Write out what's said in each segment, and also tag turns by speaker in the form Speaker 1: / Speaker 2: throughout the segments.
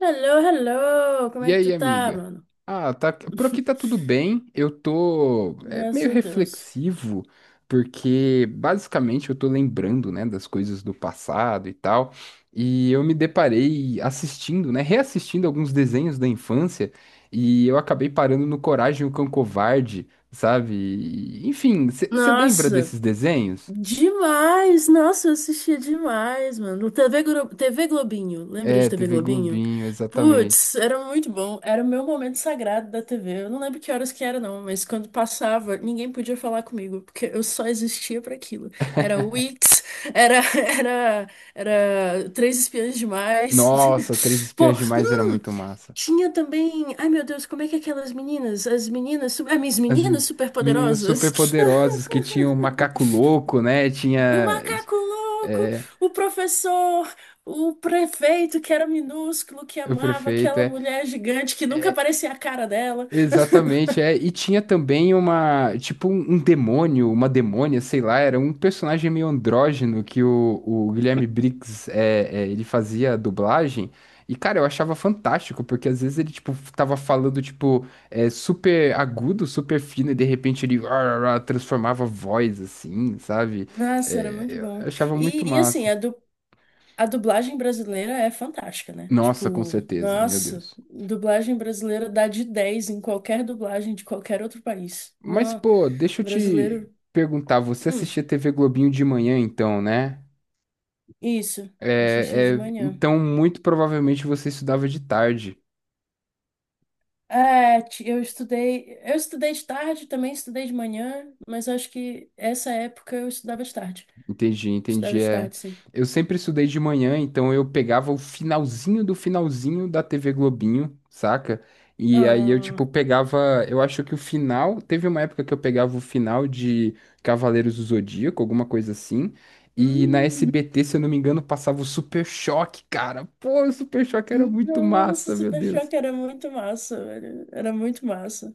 Speaker 1: Hello, hello! Como
Speaker 2: E
Speaker 1: é que
Speaker 2: aí,
Speaker 1: tu tá,
Speaker 2: amiga?
Speaker 1: mano?
Speaker 2: Ah, tá, por aqui tá tudo bem. Eu tô
Speaker 1: Graças
Speaker 2: meio
Speaker 1: a Deus.
Speaker 2: reflexivo, porque basicamente eu tô lembrando, né, das coisas do passado e tal. E eu me deparei assistindo, né, reassistindo alguns desenhos da infância, e eu acabei parando no Coragem, o Cão Covarde, sabe? Enfim, você lembra
Speaker 1: Nossa,
Speaker 2: desses desenhos?
Speaker 1: demais! Nossa, eu assistia demais, mano. TV, TV Globinho, lembra
Speaker 2: É,
Speaker 1: de TV
Speaker 2: TV
Speaker 1: Globinho?
Speaker 2: Globinho, exatamente.
Speaker 1: Putz, era muito bom. Era o meu momento sagrado da TV. Eu não lembro que horas que era, não, mas quando passava, ninguém podia falar comigo, porque eu só existia para aquilo. Era Wix, era Três Espiãs Demais.
Speaker 2: Nossa, Três
Speaker 1: Pô,
Speaker 2: Espiãs Demais era muito massa.
Speaker 1: tinha também. Ai, meu Deus, como é que é aquelas meninas? Ah, minhas
Speaker 2: As
Speaker 1: meninas
Speaker 2: me- meninas
Speaker 1: superpoderosas.
Speaker 2: superpoderosas que tinham o macaco louco, né?
Speaker 1: O
Speaker 2: Tinha
Speaker 1: macaco louco,
Speaker 2: é,
Speaker 1: o professor, o prefeito que era minúsculo, que
Speaker 2: o
Speaker 1: amava
Speaker 2: prefeito,
Speaker 1: aquela
Speaker 2: é
Speaker 1: mulher gigante que nunca aparecia a cara dela.
Speaker 2: exatamente, é e tinha também uma tipo um demônio, uma demônia, sei lá, era um personagem meio andrógeno que o Guilherme Briggs ele fazia a dublagem. E, cara, eu achava fantástico, porque às vezes ele, tipo, tava falando, tipo, é, super agudo, super fino, e de repente ele transformava a voz, assim, sabe?
Speaker 1: Nossa, era muito
Speaker 2: É, eu
Speaker 1: bom.
Speaker 2: achava muito
Speaker 1: E assim,
Speaker 2: massa.
Speaker 1: a dublagem brasileira é fantástica, né?
Speaker 2: Nossa, com
Speaker 1: Tipo,
Speaker 2: certeza, meu
Speaker 1: nossa,
Speaker 2: Deus.
Speaker 1: dublagem brasileira dá de 10 em qualquer dublagem de qualquer outro país.
Speaker 2: Mas,
Speaker 1: Não,
Speaker 2: pô, deixa eu te
Speaker 1: brasileiro.
Speaker 2: perguntar, você
Speaker 1: Hum.
Speaker 2: assistia TV Globinho de manhã, então, né?
Speaker 1: Isso, assisti de manhã.
Speaker 2: Então, muito provavelmente você estudava de tarde.
Speaker 1: Eu estudei de tarde, também estudei de manhã, mas acho que essa época eu estudava de tarde.
Speaker 2: Entendi,
Speaker 1: Estudava
Speaker 2: entendi.
Speaker 1: de
Speaker 2: É,
Speaker 1: tarde, sim.
Speaker 2: eu sempre estudei de manhã, então eu pegava o finalzinho do finalzinho da TV Globinho, saca? E aí eu,
Speaker 1: Ah,
Speaker 2: tipo, pegava. Eu acho que o final. Teve uma época que eu pegava o final de Cavaleiros do Zodíaco, alguma coisa assim. E na
Speaker 1: hum,
Speaker 2: SBT, se eu não me engano, passava o Super Choque, cara. Pô, o Super Choque era muito
Speaker 1: nossa,
Speaker 2: massa, meu
Speaker 1: Super
Speaker 2: Deus.
Speaker 1: Choque era muito massa, velho. Era muito massa.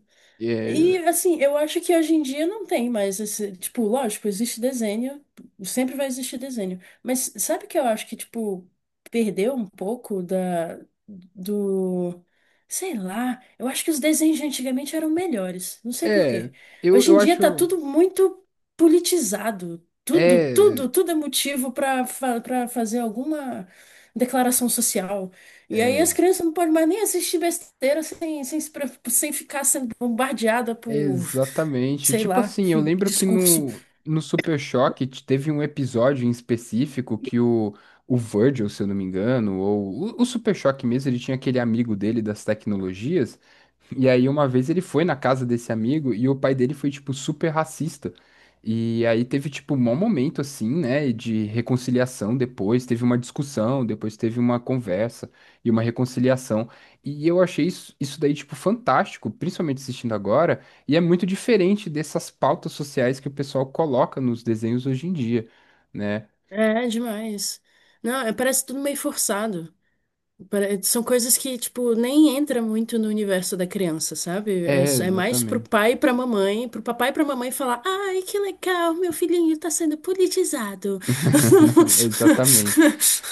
Speaker 1: E
Speaker 2: É,
Speaker 1: assim, eu acho que hoje em dia não tem mais esse, tipo, lógico, existe desenho, sempre vai existir desenho. Mas sabe o que eu acho que, tipo, perdeu um pouco do, sei lá, eu acho que os desenhos de antigamente eram melhores, não sei por
Speaker 2: é
Speaker 1: quê. Hoje em
Speaker 2: eu
Speaker 1: dia tá
Speaker 2: acho.
Speaker 1: tudo muito politizado, tudo,
Speaker 2: É,
Speaker 1: tudo, tudo é motivo pra fazer alguma declaração social. E aí as
Speaker 2: é.
Speaker 1: crianças não podem mais nem assistir besteira sem, sem, se preocup- sem ficar sendo bombardeada por,
Speaker 2: Exatamente.
Speaker 1: sei
Speaker 2: Tipo
Speaker 1: lá,
Speaker 2: assim, eu lembro que
Speaker 1: discurso.
Speaker 2: no Super Choque teve um episódio em específico que o Virgil, se eu não me engano, ou o Super Choque mesmo, ele tinha aquele amigo dele das tecnologias. E aí, uma vez ele foi na casa desse amigo e o pai dele foi, tipo, super racista. E aí teve, tipo, um mau momento, assim, né, de reconciliação depois. Teve uma discussão, depois teve uma conversa e uma reconciliação. E eu achei isso, isso daí, tipo, fantástico, principalmente assistindo agora. E é muito diferente dessas pautas sociais que o pessoal coloca nos desenhos hoje em dia, né?
Speaker 1: É demais. Não, parece tudo meio forçado. São coisas que, tipo, nem entra muito no universo da criança, sabe? É,
Speaker 2: É,
Speaker 1: é mais pro
Speaker 2: exatamente.
Speaker 1: pai e pra mamãe, pro papai e pra mamãe falar, ai, que legal, meu filhinho tá sendo politizado.
Speaker 2: Exatamente.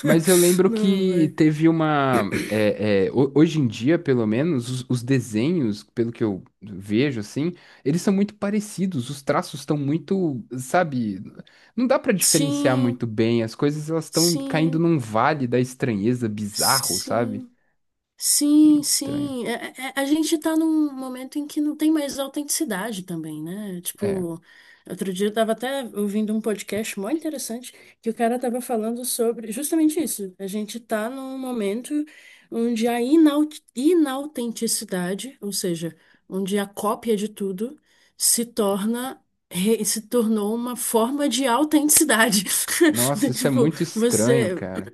Speaker 2: Mas eu lembro
Speaker 1: Não,
Speaker 2: que
Speaker 1: velho.
Speaker 2: teve uma. Hoje em dia, pelo menos, os desenhos, pelo que eu vejo, assim, eles são muito parecidos. Os traços estão muito, sabe? Não dá pra diferenciar
Speaker 1: Sim,
Speaker 2: muito bem. As coisas elas estão caindo
Speaker 1: sim,
Speaker 2: num vale da estranheza bizarro, sabe?
Speaker 1: sim. Sim,
Speaker 2: Muito estranho.
Speaker 1: sim. É, a gente tá num momento em que não tem mais autenticidade também, né?
Speaker 2: É.
Speaker 1: Tipo, outro dia eu tava até ouvindo um podcast muito interessante que o cara tava falando sobre justamente isso. A gente tá num momento onde a inautenticidade, ou seja, onde a cópia de tudo se torna re- se tornou uma forma de autenticidade.
Speaker 2: Nossa, isso é
Speaker 1: Tipo,
Speaker 2: muito estranho,
Speaker 1: você
Speaker 2: cara.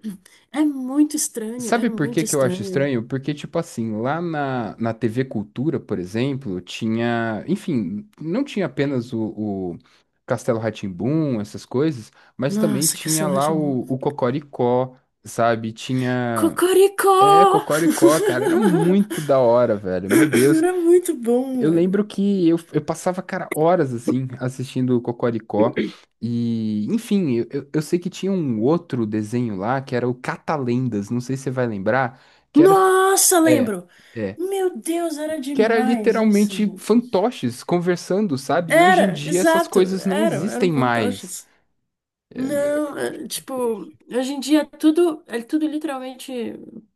Speaker 1: é muito estranho, é
Speaker 2: Sabe por que
Speaker 1: muito
Speaker 2: que eu acho
Speaker 1: estranho.
Speaker 2: estranho? Porque, tipo assim, lá na TV Cultura, por exemplo, tinha. Enfim, não tinha apenas o Castelo rá tim essas coisas, mas também
Speaker 1: Nossa,
Speaker 2: tinha
Speaker 1: cancelar de
Speaker 2: lá
Speaker 1: novo.
Speaker 2: o Cocoricó, sabe? Tinha. É,
Speaker 1: Cocoricó!
Speaker 2: Cocoricó, cara, era muito da hora, velho. Meu Deus.
Speaker 1: Era muito bom,
Speaker 2: Eu
Speaker 1: mano.
Speaker 2: lembro que eu passava, cara, horas assim, assistindo o Cocoricó. E, enfim, eu sei que tinha um outro desenho lá, que era o Catalendas, não sei se você vai lembrar, que era.
Speaker 1: Nossa,
Speaker 2: É,
Speaker 1: lembro!
Speaker 2: é.
Speaker 1: Meu Deus, era
Speaker 2: Que era
Speaker 1: demais isso,
Speaker 2: literalmente
Speaker 1: gente.
Speaker 2: fantoches conversando, sabe? E hoje em
Speaker 1: Era,
Speaker 2: dia essas
Speaker 1: exato,
Speaker 2: coisas não
Speaker 1: eram,
Speaker 2: existem
Speaker 1: eram
Speaker 2: mais.
Speaker 1: fantoches.
Speaker 2: É,
Speaker 1: Não, é, tipo, hoje em dia é tudo literalmente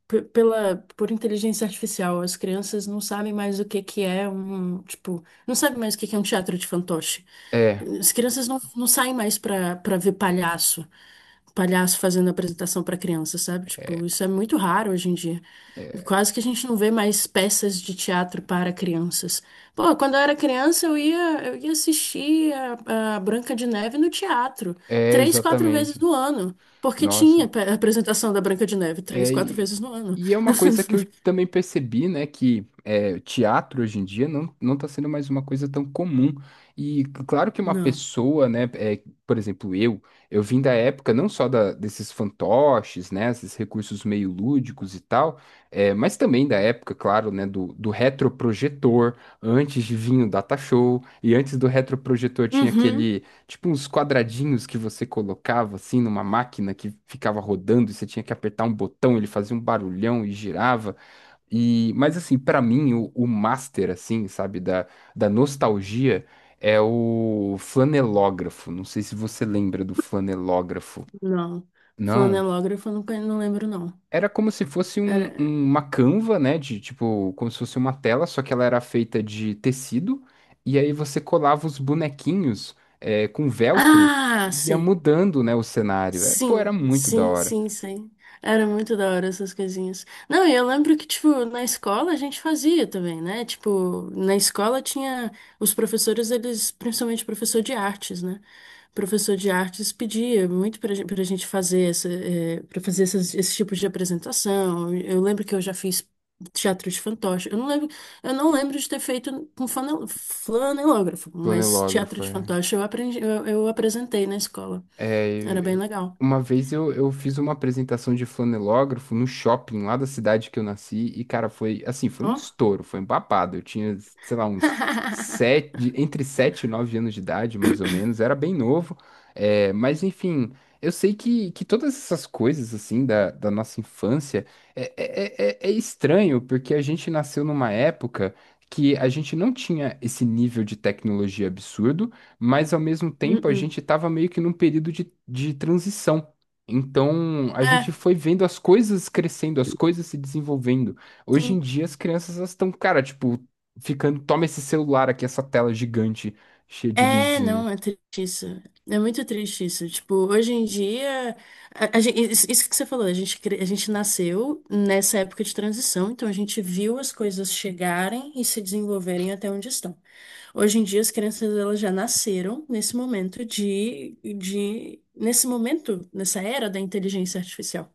Speaker 1: p- pela por inteligência artificial. As crianças não sabem mais o que que é um, tipo, não sabem mais o que que é um teatro de fantoche.
Speaker 2: é,
Speaker 1: As crianças não saem mais pra para ver palhaço, palhaço fazendo apresentação pra criança, sabe? Tipo, isso é muito raro hoje em dia.
Speaker 2: é
Speaker 1: Quase que a gente não vê mais peças de teatro para crianças. Pô, quando eu era criança, eu ia assistir a Branca de Neve no teatro três, quatro vezes
Speaker 2: Exatamente.
Speaker 1: no ano, porque tinha
Speaker 2: Nossa.
Speaker 1: apresentação da Branca de Neve três,
Speaker 2: É,
Speaker 1: quatro vezes no ano.
Speaker 2: e é uma coisa que eu também percebi, né, que é, teatro hoje em dia não está sendo mais uma coisa tão comum. E claro que uma
Speaker 1: Não.
Speaker 2: pessoa, né, é, por exemplo, eu vim da época não só da, desses fantoches, né, esses recursos meio lúdicos e tal, é, mas também da época, claro, né, do retroprojetor, antes de vir o data show, e antes do retroprojetor tinha
Speaker 1: Uhum,
Speaker 2: aquele tipo uns quadradinhos que você colocava assim numa máquina que ficava rodando e você tinha que apertar um botão, ele fazia um barulhão e girava. E mas assim, pra mim o master assim, sabe, da, da nostalgia é o flanelógrafo. Não sei se você lembra do flanelógrafo.
Speaker 1: não.
Speaker 2: Não?
Speaker 1: Flanelógrafo, eu não, conhe- não lembro, não.
Speaker 2: Era como se fosse
Speaker 1: Era.
Speaker 2: uma canva, né? De tipo, como se fosse uma tela, só que ela era feita de tecido. E aí você colava os bonequinhos é, com velcro
Speaker 1: Ah,
Speaker 2: e ia
Speaker 1: sei.
Speaker 2: mudando, né, o cenário. É, pô, era
Speaker 1: Sim,
Speaker 2: muito da
Speaker 1: sim,
Speaker 2: hora.
Speaker 1: sim, sim. Era muito da hora essas coisinhas. Não, e eu lembro que, tipo, na escola a gente fazia também, né? Tipo, na escola tinha os professores, eles, principalmente professor de artes, né? Professor de artes pedia muito pra gente fazer essa, eh, pra fazer essas, esse tipo de apresentação. Eu lembro que eu já fiz teatro de fantoche. Eu não lembro de ter feito com flanelógrafo, mas teatro
Speaker 2: Planilógrafo,
Speaker 1: de
Speaker 2: é.
Speaker 1: fantoche eu aprendi, eu apresentei na escola.
Speaker 2: É,
Speaker 1: Era bem
Speaker 2: eu-
Speaker 1: legal.
Speaker 2: uma vez eu fiz uma apresentação de flanelógrafo no shopping lá da cidade que eu nasci e, cara, foi assim, foi um
Speaker 1: Ó.
Speaker 2: estouro, foi um babado. Eu tinha, sei lá, uns sete, entre sete e nove anos de idade, mais ou menos, era bem novo. É, mas enfim, eu sei que todas essas coisas assim da, da nossa infância é estranho, porque a gente nasceu numa época que a gente não tinha esse nível de tecnologia absurdo mas ao mesmo tempo a
Speaker 1: Hum.
Speaker 2: gente estava meio que num período de transição. Então a gente
Speaker 1: É,
Speaker 2: foi vendo as coisas crescendo, as coisas se desenvolvendo. Hoje em
Speaker 1: sim.
Speaker 2: dia as crianças elas estão, cara, tipo, ficando, toma esse celular aqui, essa tela gigante cheia de
Speaker 1: É,
Speaker 2: luzinha.
Speaker 1: não, é triste isso. É muito triste isso. Tipo, hoje em dia, isso que você falou, a gente nasceu nessa época de transição, então a gente viu as coisas chegarem e se desenvolverem até onde estão. Hoje em dia, as crianças elas já nasceram nesse momento nessa era da inteligência artificial,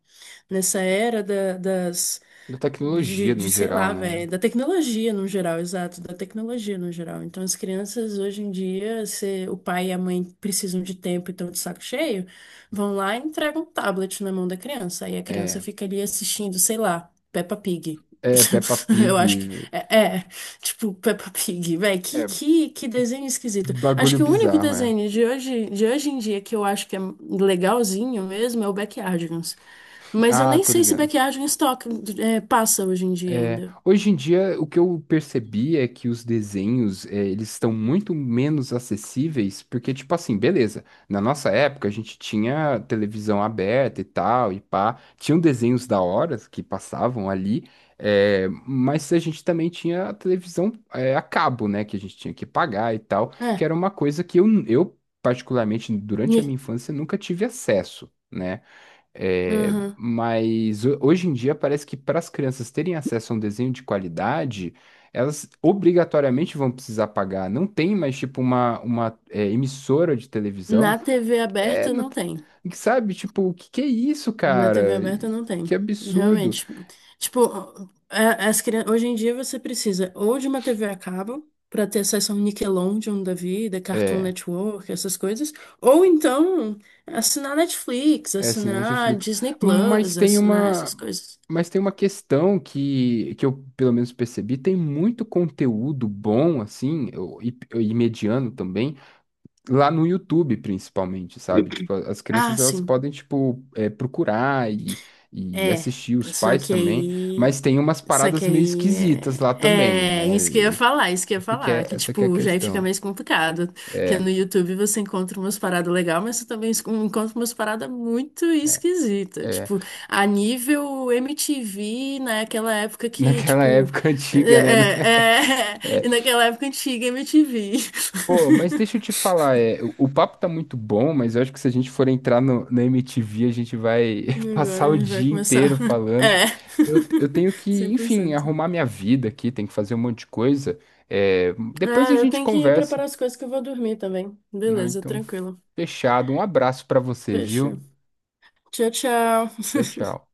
Speaker 1: nessa era da- das
Speaker 2: Da tecnologia
Speaker 1: de,
Speaker 2: no
Speaker 1: sei
Speaker 2: geral,
Speaker 1: lá,
Speaker 2: né?
Speaker 1: velho, da tecnologia no geral, exato, da tecnologia no geral. Então, as crianças hoje em dia, se o pai e a mãe precisam de tempo e estão de saco cheio, vão lá e entregam um tablet na mão da criança. Aí a criança
Speaker 2: É,
Speaker 1: fica ali assistindo, sei lá, Peppa Pig.
Speaker 2: é Peppa
Speaker 1: Eu acho que
Speaker 2: Pig,
Speaker 1: tipo Peppa Pig, velho,
Speaker 2: é
Speaker 1: que desenho esquisito. Acho
Speaker 2: bagulho
Speaker 1: que o único
Speaker 2: bizarro, é.
Speaker 1: desenho de hoje em dia que eu acho que é legalzinho mesmo é o Backyardigans. Mas eu
Speaker 2: Ah,
Speaker 1: nem
Speaker 2: tô
Speaker 1: sei se
Speaker 2: ligado.
Speaker 1: maquiagem em estoque passa hoje em dia
Speaker 2: É,
Speaker 1: ainda.
Speaker 2: hoje em dia, o que eu percebi é que os desenhos, é, eles estão muito menos acessíveis, porque, tipo assim, beleza, na nossa época a gente tinha televisão aberta e tal, e pá, tinham desenhos da hora que passavam ali, é, mas a gente também tinha a televisão, é, a cabo, né, que a gente tinha que pagar e tal, que
Speaker 1: É.
Speaker 2: era uma coisa que eu particularmente, durante a minha
Speaker 1: ni-
Speaker 2: infância, nunca tive acesso, né? É,
Speaker 1: Aham.
Speaker 2: mas hoje em dia parece que para as crianças terem acesso a um desenho de qualidade, elas obrigatoriamente vão precisar pagar. Não tem mais tipo uma é, emissora de
Speaker 1: Na
Speaker 2: televisão.
Speaker 1: TV
Speaker 2: É,
Speaker 1: aberta
Speaker 2: não
Speaker 1: não
Speaker 2: t-
Speaker 1: tem.
Speaker 2: Sabe, tipo, o que que é isso,
Speaker 1: Na TV
Speaker 2: cara?
Speaker 1: aberta não tem.
Speaker 2: Que absurdo.
Speaker 1: Realmente. Tipo, as crianças, hoje em dia você precisa ou de uma TV a cabo para ter acesso ao Nickelodeon da vida, Cartoon
Speaker 2: É,
Speaker 1: Network, essas coisas, ou então assinar Netflix,
Speaker 2: essa né,
Speaker 1: assinar
Speaker 2: Netflix.
Speaker 1: Disney
Speaker 2: Mas
Speaker 1: Plus,
Speaker 2: tem
Speaker 1: assinar
Speaker 2: uma,
Speaker 1: essas coisas.
Speaker 2: mas tem uma questão que eu pelo menos percebi, tem muito conteúdo bom assim, e mediano também lá no YouTube, principalmente, sabe? Tipo, as
Speaker 1: Ah,
Speaker 2: crianças elas
Speaker 1: sim.
Speaker 2: podem, tipo, é, procurar e
Speaker 1: É,
Speaker 2: assistir, os
Speaker 1: só
Speaker 2: pais
Speaker 1: que
Speaker 2: também, mas
Speaker 1: aí.
Speaker 2: tem umas
Speaker 1: Só que
Speaker 2: paradas meio
Speaker 1: aí
Speaker 2: esquisitas lá também,
Speaker 1: é
Speaker 2: né?
Speaker 1: isso que eu ia
Speaker 2: E-
Speaker 1: falar,
Speaker 2: Esse que é,
Speaker 1: que
Speaker 2: essa que é a
Speaker 1: tipo, já aí fica
Speaker 2: questão.
Speaker 1: mais complicado, porque
Speaker 2: É,
Speaker 1: no YouTube você encontra umas paradas legais, mas você também encontra umas paradas muito
Speaker 2: é.
Speaker 1: esquisitas,
Speaker 2: é.
Speaker 1: tipo, a nível MTV, naquela época que,
Speaker 2: Naquela
Speaker 1: tipo,
Speaker 2: época
Speaker 1: é,
Speaker 2: antiga, né?
Speaker 1: é, é, e naquela época antiga MTV.
Speaker 2: Pô, mas deixa eu te falar, é, o papo tá muito bom, mas eu acho que se a gente for entrar no, na MTV, a gente vai
Speaker 1: E
Speaker 2: passar
Speaker 1: agora a
Speaker 2: o
Speaker 1: gente vai
Speaker 2: dia
Speaker 1: começar.
Speaker 2: inteiro falando.
Speaker 1: É,
Speaker 2: Eu tenho que,
Speaker 1: cem por
Speaker 2: enfim,
Speaker 1: cento.
Speaker 2: arrumar minha vida aqui, tenho que fazer um monte de coisa. É, depois
Speaker 1: Ah,
Speaker 2: a
Speaker 1: eu
Speaker 2: gente
Speaker 1: tenho que
Speaker 2: conversa,
Speaker 1: preparar as coisas que eu vou dormir também.
Speaker 2: não?
Speaker 1: Beleza,
Speaker 2: Então,
Speaker 1: tranquilo.
Speaker 2: fechado. Um abraço pra você, viu?
Speaker 1: Fechou. Tchau, tchau.
Speaker 2: Tchau, tchau.